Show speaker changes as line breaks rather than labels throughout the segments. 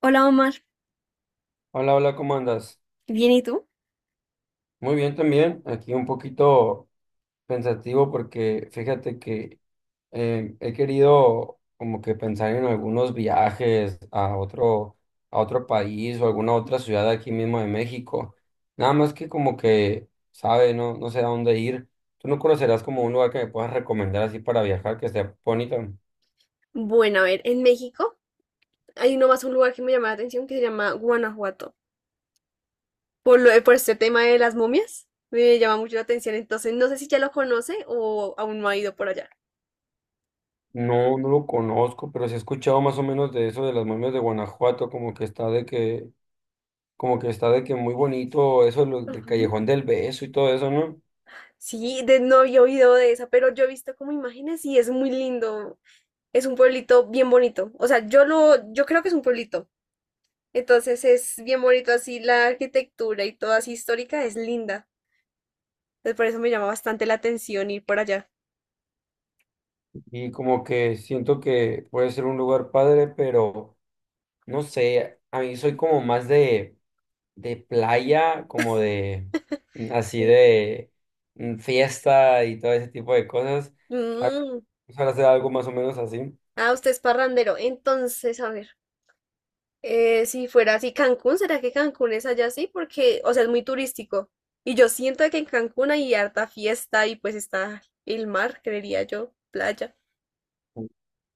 Hola Omar,
Hola, hola, ¿cómo andas?
¿bien y tú?
Muy bien también, aquí un poquito pensativo porque fíjate que he querido como que pensar en algunos viajes a otro país o alguna otra ciudad aquí mismo de México. Nada más que como que, sabe, no sé a dónde ir. ¿Tú no conocerás como un lugar que me puedas recomendar así para viajar que esté bonito?
Bueno, a ver, en México hay nomás un lugar que me llama la atención que se llama Guanajuato. Por este tema de las momias, me llama mucho la atención, entonces no sé si ya lo conoce o aún no ha ido por allá.
No, no lo conozco, pero sí he escuchado más o menos de eso de las momias de Guanajuato, como que está de que como que está de que muy bonito eso del
Ujú.
Callejón del Beso y todo eso, ¿no?
Sí, no había oído de esa, pero yo he visto como imágenes y es muy lindo. Es un pueblito bien bonito. O sea, yo creo que es un pueblito. Entonces es bien bonito así la arquitectura y todo así histórica es linda. Entonces por eso me llama bastante la atención ir por allá.
Y como que siento que puede ser un lugar padre, pero no sé, a mí soy como más de playa, como de así
Sí.
de fiesta y todo ese tipo de cosas. Ah,
Mm.
Ojalá sea algo más o menos así.
Ah, usted es parrandero. Entonces, a ver, si fuera así Cancún, ¿será que Cancún es allá así? Porque, o sea, es muy turístico. Y yo siento que en Cancún hay harta fiesta y pues está el mar, creería yo, playa.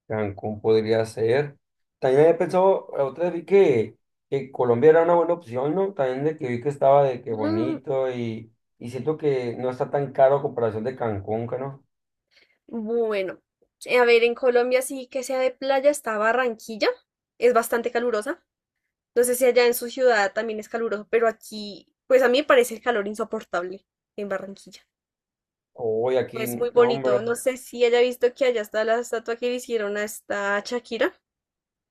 Cancún podría ser. También había pensado, la otra vez vi que Colombia era una buena opción, ¿no? También de que vi que estaba de que
Mm,
bonito y siento que no está tan caro a comparación de Cancún, que ¿no?
bueno, a ver, en Colombia sí que sea de playa está Barranquilla. Es bastante calurosa. No sé si allá en su ciudad también es caluroso, pero aquí, pues a mí me parece el calor insoportable en Barranquilla.
Hoy aquí,
Es
no,
muy bonito.
hombre,
No sé si haya visto que allá está la estatua que le hicieron a esta Shakira.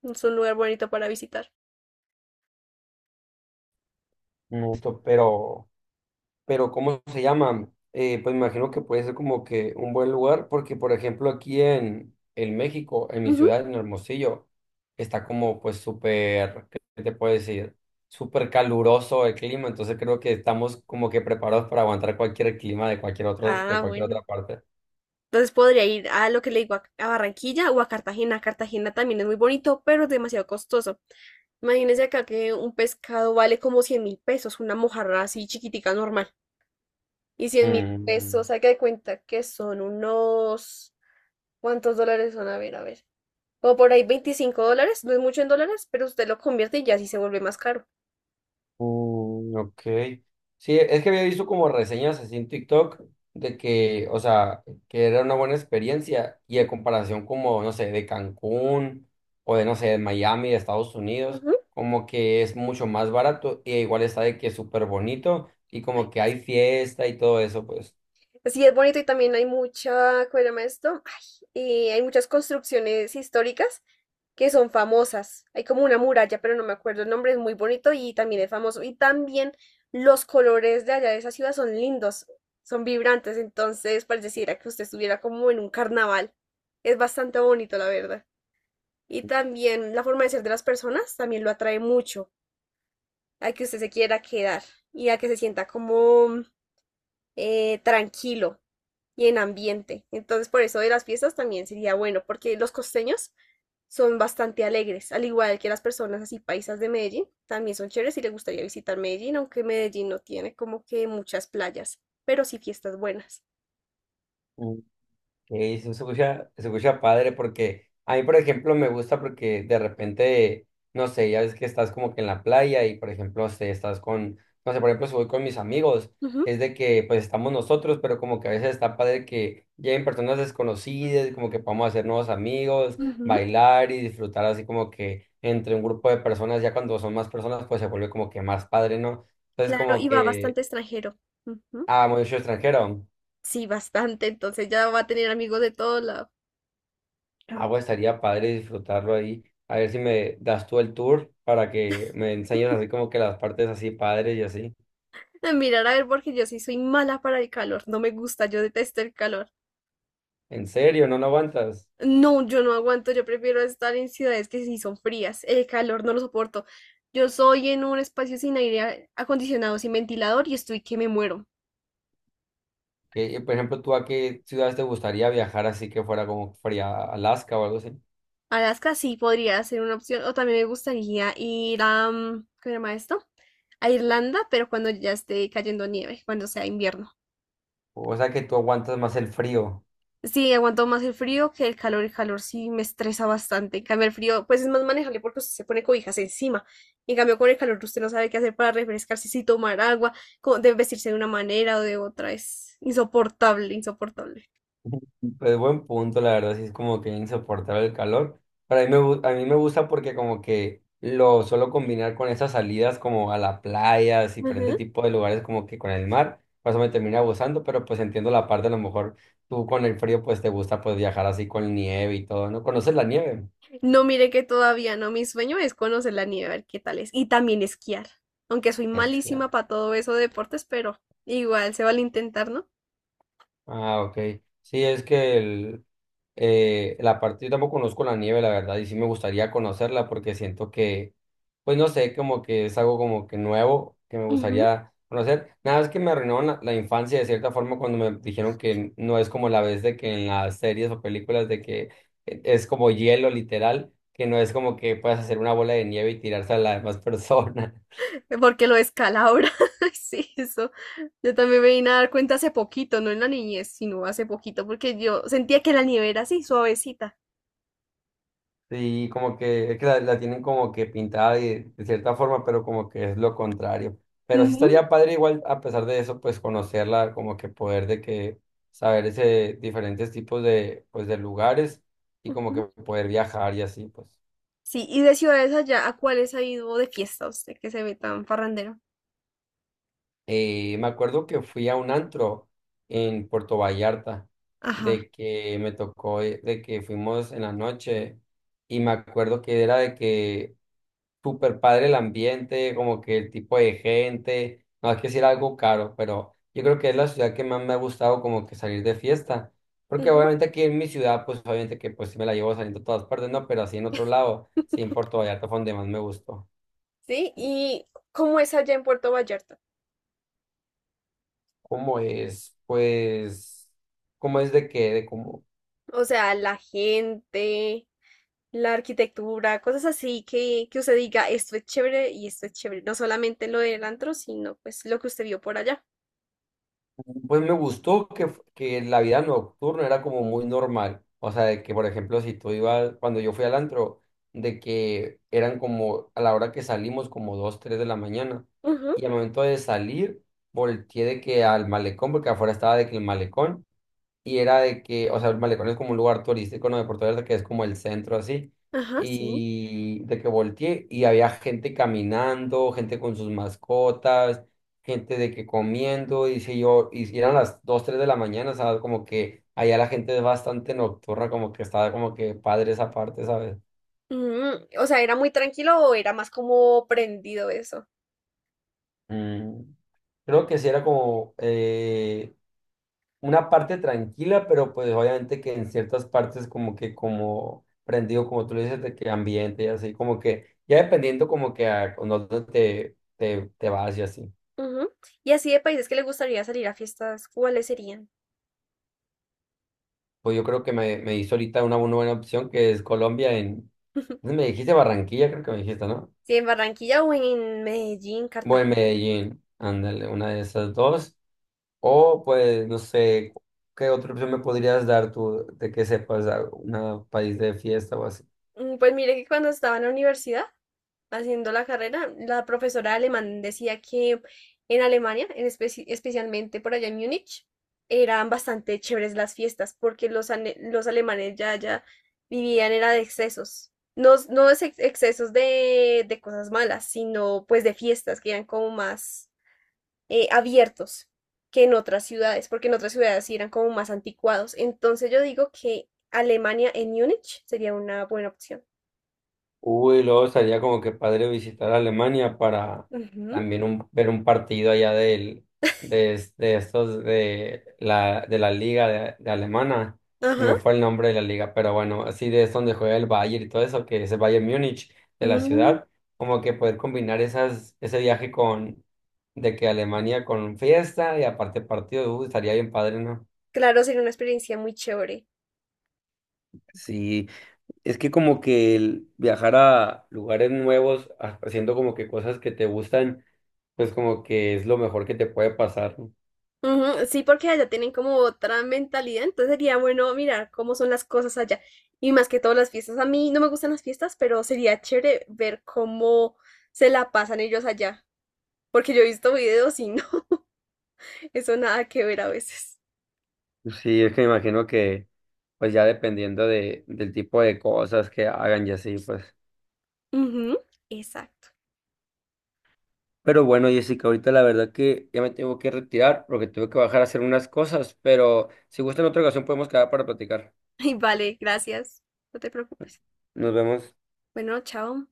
Es un lugar bonito para visitar.
no, esto, pero ¿cómo se llama? Pues me imagino que puede ser como que un buen lugar, porque por ejemplo aquí en México, en mi
Ujú.
ciudad, en Hermosillo, está como pues súper, ¿qué te puedo decir? Súper caluroso el clima, entonces creo que estamos como que preparados para aguantar cualquier clima de cualquier de
Ah,
cualquier
bueno.
otra parte.
Entonces podría ir a lo que le digo, a Barranquilla o a Cartagena. Cartagena también es muy bonito, pero es demasiado costoso. Imagínense acá que un pescado vale como 100.000 pesos, una mojarra así chiquitica normal. Y cien mil
Mm.
pesos, haga de cuenta que son unos... ¿Cuántos dólares son? A ver, a ver. Como por ahí 25 dólares, no es mucho en dólares, pero usted lo convierte y ya sí se vuelve más caro.
Mm, ok. Sí, es que había visto como reseñas así en TikTok de que, o sea, que era una buena experiencia y a comparación como, no sé, de Cancún o de, no sé, de Miami, de Estados Unidos,
Ujú.
como que es mucho más barato y igual está de que es súper bonito y como que hay fiesta y todo eso, pues.
Sí, es bonito y también hay mucha, ¿cómo se llama esto? Ay, hay muchas construcciones históricas que son famosas. Hay como una muralla, pero no me acuerdo el nombre, es muy bonito y también es famoso. Y también los colores de allá de esa ciudad son lindos, son vibrantes, entonces pareciera que usted estuviera como en un carnaval. Es bastante bonito, la verdad. Y también la forma de ser de las personas también lo atrae mucho a que usted se quiera quedar y a que se sienta como tranquilo y en ambiente. Entonces, por eso de las fiestas también sería bueno, porque los costeños son bastante alegres, al igual que las personas así paisas de Medellín, también son chéveres y les gustaría visitar Medellín, aunque Medellín no tiene como que muchas playas, pero sí fiestas buenas.
Se escucha padre porque a mí, por ejemplo, me gusta porque de repente, no sé, ya ves que estás como que en la playa y, por ejemplo, si estás con, no sé, por ejemplo, si voy con mis amigos,
Ujú,
es de que pues estamos nosotros, pero como que a veces está padre que lleguen personas desconocidas, como que podamos hacer nuevos amigos,
ujú.
bailar y disfrutar así como que entre un grupo de personas, ya cuando son más personas, pues se vuelve como que más padre, ¿no? Entonces,
Claro,
como
y va
que,
bastante extranjero. Ujú.
ah, mucho extranjero.
Sí, bastante, entonces ya va a tener amigos de todo lado.
Ah, pues estaría padre disfrutarlo ahí. A ver si me das tú el tour para que me enseñes así como que las partes así padres y así.
Ah, mirar a ver, porque yo sí soy mala para el calor, no me gusta, yo detesto el calor.
¿En serio? ¿No lo aguantas?
No, yo no aguanto, yo prefiero estar en ciudades que sí son frías, el calor no lo soporto. Yo soy en un espacio sin aire acondicionado, sin ventilador y estoy que me muero.
Que, y, por ejemplo, ¿tú a qué ciudades te gustaría viajar así que fuera como fría Alaska o algo así?
Alaska sí podría ser una opción, o también me gustaría ir a, ¿cómo se llama esto? A Irlanda, pero cuando ya esté cayendo nieve, cuando sea invierno.
O sea que tú aguantas más el frío.
Sí, aguanto más el frío que el calor. El calor sí me estresa bastante. En cambio, el frío, pues es más manejable porque usted se pone cobijas encima. En cambio, con el calor usted no sabe qué hacer para refrescarse, si tomar agua, cómo debe vestirse de una manera o de otra. Es insoportable, insoportable.
Pues buen punto, la verdad, sí es como que insoportable el calor. Pero a mí a mí me gusta porque como que lo suelo combinar con esas salidas como a la playa, así, diferente
Ujú.
tipo de lugares como que con el mar. Por eso me termina gustando, pero pues entiendo la parte, a lo mejor tú con el frío pues te gusta pues viajar así con nieve y todo, ¿no? ¿Conoces la nieve?
No, mire que todavía no. Mi sueño es conocer la nieve, a ver qué tal es. Y también esquiar. Aunque soy
Es que
malísima para todo eso de deportes, pero igual se vale intentar, ¿no?
Ah, ok. Sí, es que la parte, yo tampoco conozco la nieve, la verdad, y sí me gustaría conocerla porque siento que, pues no sé, como que es algo como que nuevo que me
Ujú.
gustaría conocer. Nada más que me arruinaron la infancia de cierta forma cuando me dijeron que no es como la vez de que en las series o películas de que es como hielo literal, que no es como que puedes hacer una bola de nieve y tirársela a la demás persona.
Porque lo descalabra. Ay, sí, eso. Yo también me vine a dar cuenta hace poquito, no en la niñez, sino hace poquito, porque yo sentía que la nieve era así, suavecita.
Sí, como que es que la tienen como que pintada de cierta forma, pero como que es lo contrario. Pero sí
Ujú,
estaría padre igual, a pesar de eso, pues conocerla, como que poder de que saber ese diferentes tipos de, pues, de lugares y como que
ujú.
poder viajar y así, pues.
Sí, y de ciudades allá, ¿a cuáles ha ido de fiesta usted que se ve tan farrandero?
Me acuerdo que fui a un antro en Puerto Vallarta,
Ajá.
de que me tocó, de que fuimos en la noche y me acuerdo que era de que súper padre el ambiente, como que el tipo de gente, no hay que decir algo caro, pero yo creo que es la ciudad que más me ha gustado como que salir de fiesta, porque
Ujú.
obviamente aquí en mi ciudad, pues obviamente que pues sí me la llevo saliendo a todas partes, no, pero así en otro lado, sí en Puerto Vallarta fue donde más me gustó.
Sí, ¿y cómo es allá en Puerto Vallarta?
¿Cómo es? Pues, ¿cómo es de qué? De cómo.
O sea, la gente, la arquitectura, cosas así que usted diga, esto es chévere y esto es chévere. No solamente lo del antro, sino pues lo que usted vio por allá.
Pues me gustó que la vida nocturna era como muy normal. O sea, de que, por ejemplo, si tú ibas, cuando yo fui al antro, de que eran como a la hora que salimos, como 2 3 de la mañana. Y al momento de salir, volteé de que al malecón, porque afuera estaba de que el malecón y era de que, o sea, el malecón es como un lugar turístico, ¿no? De Puerto Vallarta, que es como el centro así,
Ajá, sí.
y de que volteé y había gente caminando, gente con sus mascotas, gente de que comiendo, y si eran las 2 3 de la mañana, ¿sabes? Como que allá la gente es bastante nocturna, como que estaba como que padre esa parte, ¿sabes?
Mm, o sea, ¿era muy tranquilo o era más como prendido eso?
Mm, creo que sí era como, una parte tranquila, pero pues obviamente que en ciertas partes como que como prendido, como tú le dices, de que ambiente y así, como que ya dependiendo como que a con dónde te vas y así.
Ujú. Y así de países que le gustaría salir a fiestas, ¿cuáles serían?
Pues yo creo que me hizo ahorita una, buena buena opción que es Colombia en, me dijiste Barranquilla, creo que me dijiste, ¿no?
Si en Barranquilla o en Medellín,
Bueno,
Cartagena.
Medellín, ándale, una de esas dos. O pues no sé, ¿qué otra opción me podrías dar tú de que sepas a un país de fiesta o así?
Mm, pues mire que cuando estaba en la universidad haciendo la carrera, la profesora de alemán decía que en Alemania, en especialmente por allá en Múnich, eran bastante chéveres las fiestas porque los alemanes ya vivían era de excesos. No, no es ex- excesos de cosas malas, sino pues de fiestas que eran como más abiertos que en otras ciudades, porque en otras ciudades sí eran como más anticuados. Entonces yo digo que Alemania en Múnich sería una buena opción.
Uy, luego estaría como que padre visitar Alemania para
Ujú,
también ver un partido allá de estos de de la liga de alemana.
ajá.
Me fue el nombre de la liga, pero bueno, así de es donde juega el Bayern y todo eso, que es el Bayern Múnich de la
Mm.
ciudad, como que poder combinar ese viaje con de que Alemania con fiesta y aparte partido, uy, estaría bien padre, ¿no?
Claro, sería una experiencia muy chévere.
Sí, es que como que el viajar a lugares nuevos, haciendo como que cosas que te gustan, pues como que es lo mejor que te puede pasar. ¿No?
Ujú, sí, porque allá tienen como otra mentalidad, entonces sería bueno mirar cómo son las cosas allá. Y más que todo las fiestas. A mí no me gustan las fiestas, pero sería chévere ver cómo se la pasan ellos allá. Porque yo he visto videos y no, eso nada que ver a veces.
Sí, es que me imagino que pues ya dependiendo del tipo de cosas que hagan y así, pues.
Ujú, exacto.
Pero bueno, Jessica, ahorita la verdad que ya me tengo que retirar porque tuve que bajar a hacer unas cosas, pero si gusta en otra ocasión podemos quedar para platicar.
Y vale, gracias. No te preocupes.
Nos vemos.
Bueno, chao.